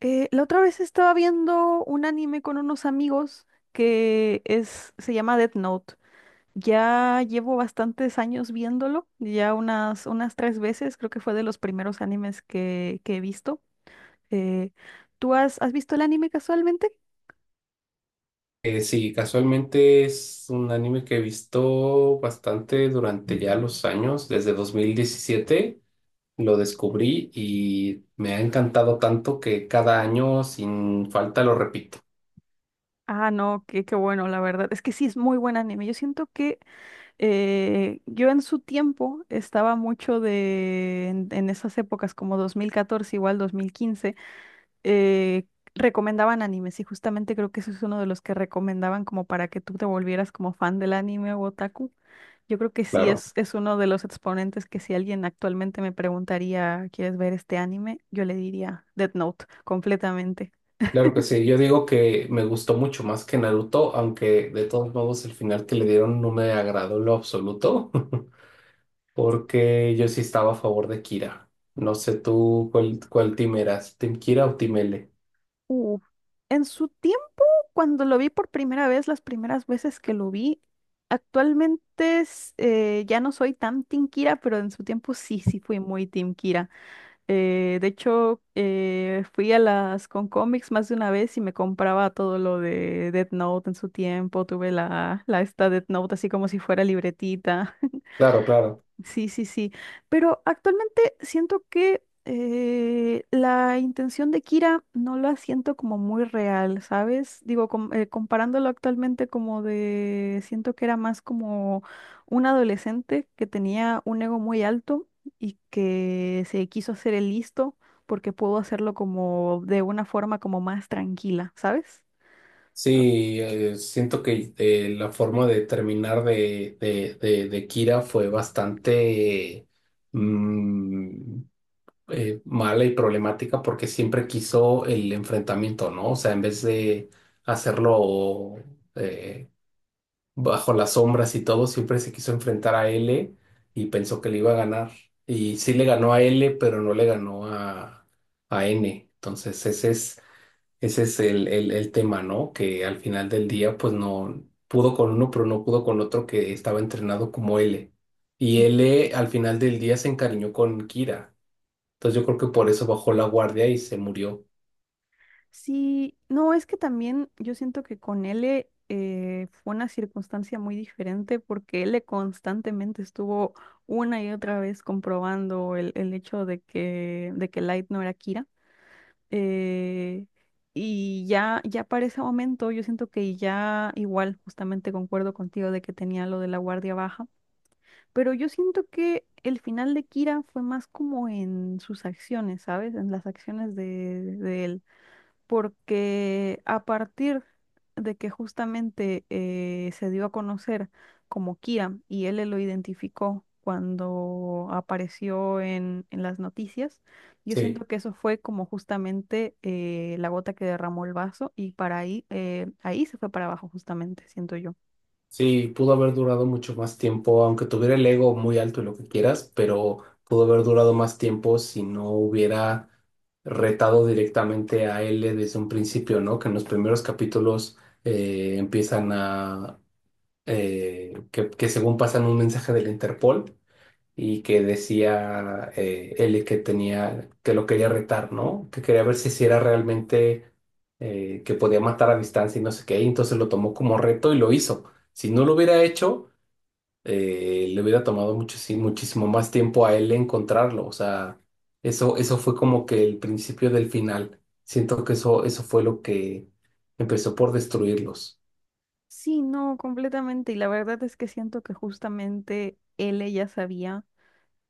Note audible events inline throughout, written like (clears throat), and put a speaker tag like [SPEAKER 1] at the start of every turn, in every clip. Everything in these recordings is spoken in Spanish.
[SPEAKER 1] La otra vez estaba viendo un anime con unos amigos se llama Death Note. Ya llevo bastantes años viéndolo, ya unas tres veces, creo que fue de los primeros animes que he visto. Eh, ¿Tú has visto el anime casualmente?
[SPEAKER 2] Sí, casualmente es un anime que he visto bastante durante ya los años, desde 2017 lo descubrí y me ha encantado tanto que cada año sin falta lo repito.
[SPEAKER 1] Ah, no, qué bueno, la verdad. Es que sí, es muy buen anime. Yo siento que yo en su tiempo estaba mucho en esas épocas como 2014, igual 2015. eh, Recomendaban animes y justamente creo que eso es uno de los que recomendaban como para que tú te volvieras como fan del anime o otaku. Yo creo que sí
[SPEAKER 2] Claro,
[SPEAKER 1] es uno de los exponentes que, si alguien actualmente me preguntaría, ¿quieres ver este anime? Yo le diría Death Note completamente.
[SPEAKER 2] claro que sí, yo digo que me gustó mucho más que Naruto, aunque de todos modos el final que le dieron no me agradó en lo absoluto, (laughs) porque yo sí estaba a favor de Kira. No sé tú cuál team eras, ¿Team Kira o Team L?
[SPEAKER 1] Uh, en su tiempo, cuando lo vi por primera vez, las primeras veces que lo vi, actualmente ya no soy tan Team Kira, pero en su tiempo sí, sí fui muy Team Kira. De hecho, fui a las con cómics más de una vez y me compraba todo lo de Death Note en su tiempo. Tuve la esta Death Note así como si fuera libretita.
[SPEAKER 2] Claro, claro.
[SPEAKER 1] Sí, sí, sí. Pero actualmente siento que la intención de Kira no la siento como muy real, ¿sabes? Digo, comparándolo actualmente como de, siento que era más como un adolescente que tenía un ego muy alto y que se quiso hacer el listo porque pudo hacerlo como de una forma como más tranquila, ¿sabes?
[SPEAKER 2] Sí, siento que la forma de terminar de Kira fue bastante mm, mala y problemática porque siempre quiso el enfrentamiento, ¿no? O sea, en vez de hacerlo eh, bajo las sombras y todo, siempre se quiso enfrentar a L y pensó que le iba a ganar. Y sí le ganó a L, pero no le ganó a N. Entonces, ese es el tema, ¿no? Que al final del día, pues no pudo con uno, pero no pudo con otro que estaba entrenado como L. Y L al final del día se encariñó con Kira. Entonces yo creo que por eso bajó la guardia y se murió.
[SPEAKER 1] Sí, no, es que también yo siento que con L fue una circunstancia muy diferente porque L constantemente estuvo una y otra vez comprobando el hecho de de que Light no era Kira. eh, y ya para ese momento yo siento que ya igual, justamente concuerdo contigo de que tenía lo de la guardia baja, pero yo siento que el final de Kira fue más como en sus acciones, ¿sabes? En las acciones de él porque a partir de que justamente se dio a conocer como Kira y él lo identificó cuando apareció en las noticias, yo
[SPEAKER 2] Sí,
[SPEAKER 1] siento que eso fue como justamente la gota que derramó el vaso y para ahí, ahí se fue para abajo justamente, siento yo.
[SPEAKER 2] sí, pudo haber durado mucho más tiempo, aunque tuviera el ego muy alto y lo que quieras, pero pudo haber durado más tiempo si no hubiera retado directamente a L desde un principio, ¿no? Que en los primeros capítulos empiezan a que según pasan un mensaje del Interpol y que decía él que tenía, que lo quería retar, ¿no? Que quería ver si sí era realmente que podía matar a distancia y no sé qué, y entonces lo tomó como reto y lo hizo. Si no lo hubiera hecho, le hubiera tomado mucho, sí, muchísimo más tiempo a él encontrarlo. O sea, eso fue como que el principio del final. Siento que eso fue lo que empezó por destruirlos.
[SPEAKER 1] Sí, no, completamente. Y la verdad es que siento que justamente él ya sabía.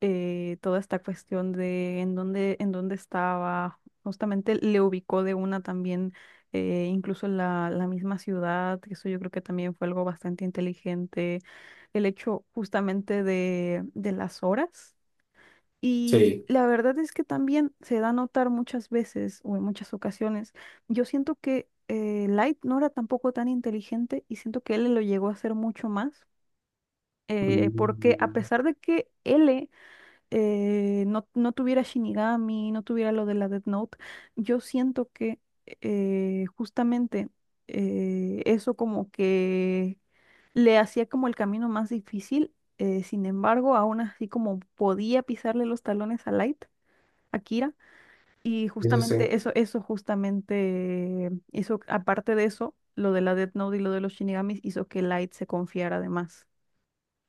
[SPEAKER 1] Toda esta cuestión de en dónde estaba, justamente le ubicó de una también, incluso la misma ciudad, que eso yo creo que también fue algo bastante inteligente, el hecho justamente de las horas. Y
[SPEAKER 2] Sí.
[SPEAKER 1] la verdad es que también se da a notar muchas veces o en muchas ocasiones, yo siento que Light no era tampoco tan inteligente y siento que L lo llegó a hacer mucho más, porque a
[SPEAKER 2] Mm.
[SPEAKER 1] pesar de que L no, no tuviera Shinigami, no tuviera lo de la Death Note, yo siento que justamente eso como que le hacía como el camino más difícil. Sin embargo, aún así como podía pisarle los talones a Light, a Kira, y
[SPEAKER 2] Sí, sí, sí.
[SPEAKER 1] justamente eso, eso justamente, eso, aparte de eso, lo de la Death Note y lo de los Shinigamis hizo que Light se confiara de más.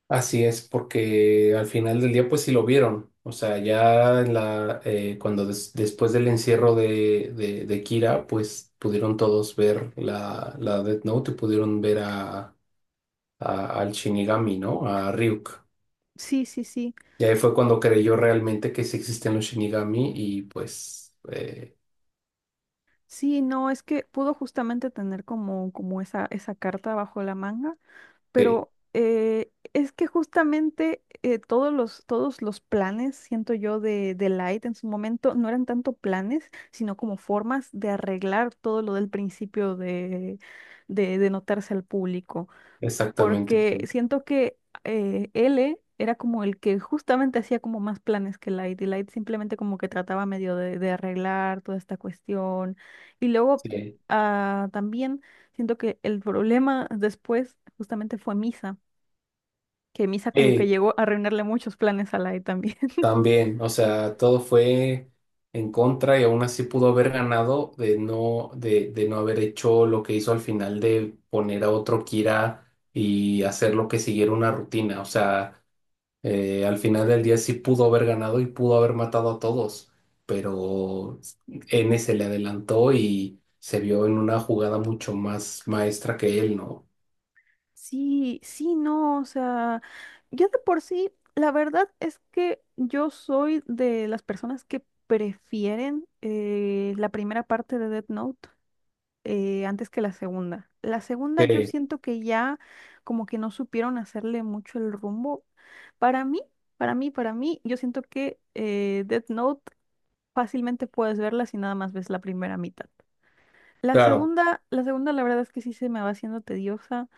[SPEAKER 2] Así es, porque al final del día, pues sí lo vieron. O sea, ya en la, cuando después del encierro de Kira, pues pudieron todos ver la, la Death Note y pudieron ver a, al Shinigami, ¿no? A Ryuk.
[SPEAKER 1] Sí, sí, sí.
[SPEAKER 2] Y ahí fue cuando creyó realmente que sí existen los Shinigami y pues
[SPEAKER 1] Sí, no, es que pudo justamente tener como, como esa carta bajo la manga,
[SPEAKER 2] sí,
[SPEAKER 1] pero es que justamente todos todos los planes, siento yo, de Light en su momento no eran tanto planes, sino como formas de arreglar todo lo del principio de notarse al público
[SPEAKER 2] exactamente,
[SPEAKER 1] porque
[SPEAKER 2] sí.
[SPEAKER 1] siento que L era como el que justamente hacía como más planes que Light, y Light simplemente como que trataba medio de arreglar toda esta cuestión. Y luego
[SPEAKER 2] Sí.
[SPEAKER 1] ah, también siento que el problema después justamente fue Misa, que Misa como que
[SPEAKER 2] Sí,
[SPEAKER 1] llegó a arruinarle muchos planes a Light también. (laughs)
[SPEAKER 2] también, o sea, todo fue en contra y aún así pudo haber ganado de no haber hecho lo que hizo al final de poner a otro Kira y hacer lo que siguiera una rutina. O sea, al final del día sí pudo haber ganado y pudo haber matado a todos, pero N se le adelantó y se vio en una jugada mucho más maestra que él, ¿no?
[SPEAKER 1] Sí, sí, no, o sea, yo de por sí, la verdad es que yo soy de las personas que prefieren la primera parte de Death Note. Antes que la segunda. La segunda yo
[SPEAKER 2] Sí,
[SPEAKER 1] siento que ya como que no supieron hacerle mucho el rumbo. Para mí, para mí, para mí, yo siento que Death Note fácilmente puedes verla si nada más ves la primera mitad.
[SPEAKER 2] claro.
[SPEAKER 1] La segunda, la verdad es que sí se me va haciendo tediosa.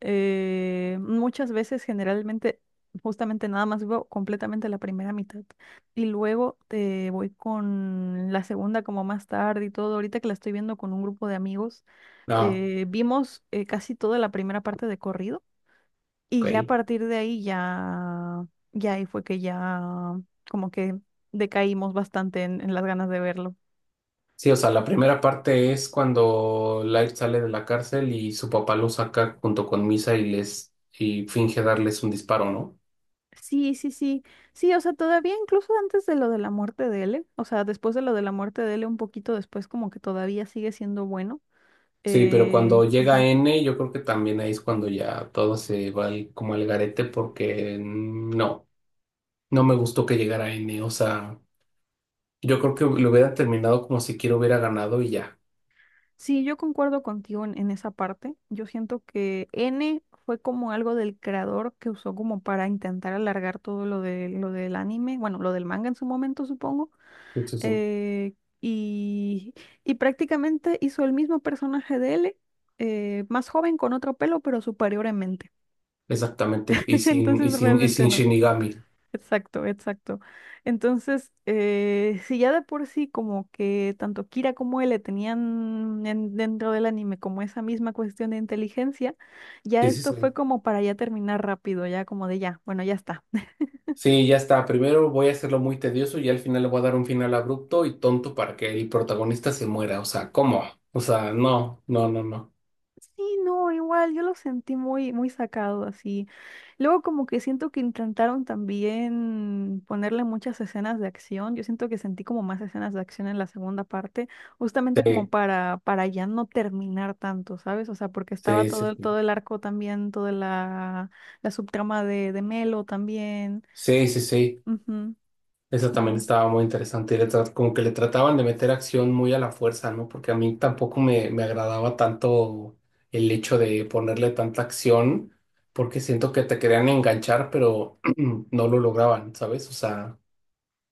[SPEAKER 1] Muchas veces, generalmente, justamente nada más veo completamente la primera mitad. Y luego te voy con la segunda como más tarde y todo. Ahorita que la estoy viendo con un grupo de amigos,
[SPEAKER 2] Ah,
[SPEAKER 1] vimos casi toda la primera parte de corrido. Y ya a
[SPEAKER 2] ok.
[SPEAKER 1] partir de ahí ya, ya ahí fue que ya como que decaímos bastante en las ganas de verlo.
[SPEAKER 2] Sí, o sea, la primera parte es cuando Light sale de la cárcel y su papá lo saca junto con Misa y les y finge darles un disparo, ¿no?
[SPEAKER 1] Sí, sí, sí. Sí, o sea, todavía incluso antes de lo de la muerte de L, o sea, después de lo de la muerte de L, un poquito después, como que todavía sigue siendo bueno.
[SPEAKER 2] Sí, pero cuando llega
[SPEAKER 1] Ujú.
[SPEAKER 2] N, yo creo que también ahí es cuando ya todo se va al- como al garete porque mm, no, no me gustó que llegara N, o sea, yo creo que lo hubiera terminado como si quiero hubiera ganado y ya.
[SPEAKER 1] Sí, yo concuerdo contigo en esa parte. Yo siento que N fue como algo del creador que usó como para intentar alargar todo lo de lo del anime, bueno, lo del manga en su momento, supongo.
[SPEAKER 2] Sí, sí, sí,
[SPEAKER 1] Eh, y, y prácticamente hizo el mismo personaje de L, más joven, con otro pelo, pero superior en mente.
[SPEAKER 2] exactamente. Y
[SPEAKER 1] (laughs)
[SPEAKER 2] sin, y
[SPEAKER 1] Entonces
[SPEAKER 2] sin, y
[SPEAKER 1] realmente
[SPEAKER 2] sin
[SPEAKER 1] no.
[SPEAKER 2] Shinigami.
[SPEAKER 1] Exacto, exacto. Entonces, si ya de por sí como que tanto Kira como él le tenían en- dentro del anime como esa misma cuestión de inteligencia, ya
[SPEAKER 2] Sí, sí,
[SPEAKER 1] esto fue
[SPEAKER 2] sí.
[SPEAKER 1] como para ya terminar rápido, ya como de ya, bueno, ya está.
[SPEAKER 2] Sí, ya está. Primero voy a hacerlo muy tedioso y al final le voy a dar un final abrupto y tonto para que el protagonista se muera. O sea, ¿cómo? O sea, no, no, no, no.
[SPEAKER 1] Sí, no, igual, yo lo sentí muy, muy sacado así. Luego como que siento que intentaron también ponerle muchas escenas de acción. Yo siento que sentí como más escenas de acción en la segunda parte, justamente como
[SPEAKER 2] Sí,
[SPEAKER 1] para ya no terminar tanto, ¿sabes? O sea, porque estaba
[SPEAKER 2] sí, sí.
[SPEAKER 1] todo todo el arco también, toda la subtrama de Melo también.
[SPEAKER 2] Sí, sí, sí, sí.
[SPEAKER 1] Ujú,
[SPEAKER 2] Eso
[SPEAKER 1] sí,
[SPEAKER 2] también
[SPEAKER 1] no.
[SPEAKER 2] estaba muy interesante. Y le como que le trataban de meter acción muy a la fuerza, ¿no? Porque a mí tampoco me agradaba tanto el hecho de ponerle tanta acción, porque siento que te querían enganchar, pero (clears throat) no lo lograban, ¿sabes? O sea,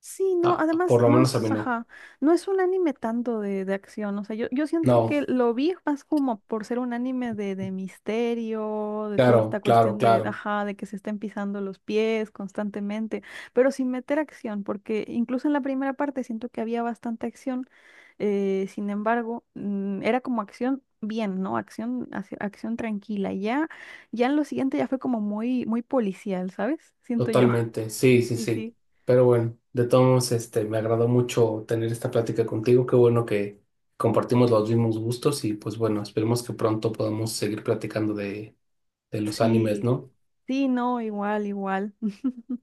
[SPEAKER 1] Sí, no,
[SPEAKER 2] ah,
[SPEAKER 1] además
[SPEAKER 2] por lo
[SPEAKER 1] no
[SPEAKER 2] menos a
[SPEAKER 1] es,
[SPEAKER 2] mí no.
[SPEAKER 1] ajá, no es un anime tanto de acción, o sea, yo siento que
[SPEAKER 2] No,
[SPEAKER 1] lo vi más como por ser un anime de misterio, de toda esta
[SPEAKER 2] claro, claro,
[SPEAKER 1] cuestión de,
[SPEAKER 2] claro.
[SPEAKER 1] ajá, de que se estén pisando los pies constantemente, pero sin meter acción, porque incluso en la primera parte siento que había bastante acción, sin embargo, mm, era como acción bien, ¿no? Acción, acción tranquila, y ya, ya en lo siguiente ya fue como muy, muy policial, ¿sabes? Siento yo. (laughs)
[SPEAKER 2] Totalmente, sí,
[SPEAKER 1] Sí,
[SPEAKER 2] sí,
[SPEAKER 1] sí,
[SPEAKER 2] sí.
[SPEAKER 1] sí.
[SPEAKER 2] Pero bueno, de todos modos, este, me agradó mucho tener esta plática contigo. Qué bueno que compartimos los mismos gustos y pues bueno, esperemos que pronto podamos seguir platicando de los animes,
[SPEAKER 1] Sí,
[SPEAKER 2] ¿no?
[SPEAKER 1] sí, no, igual, igual.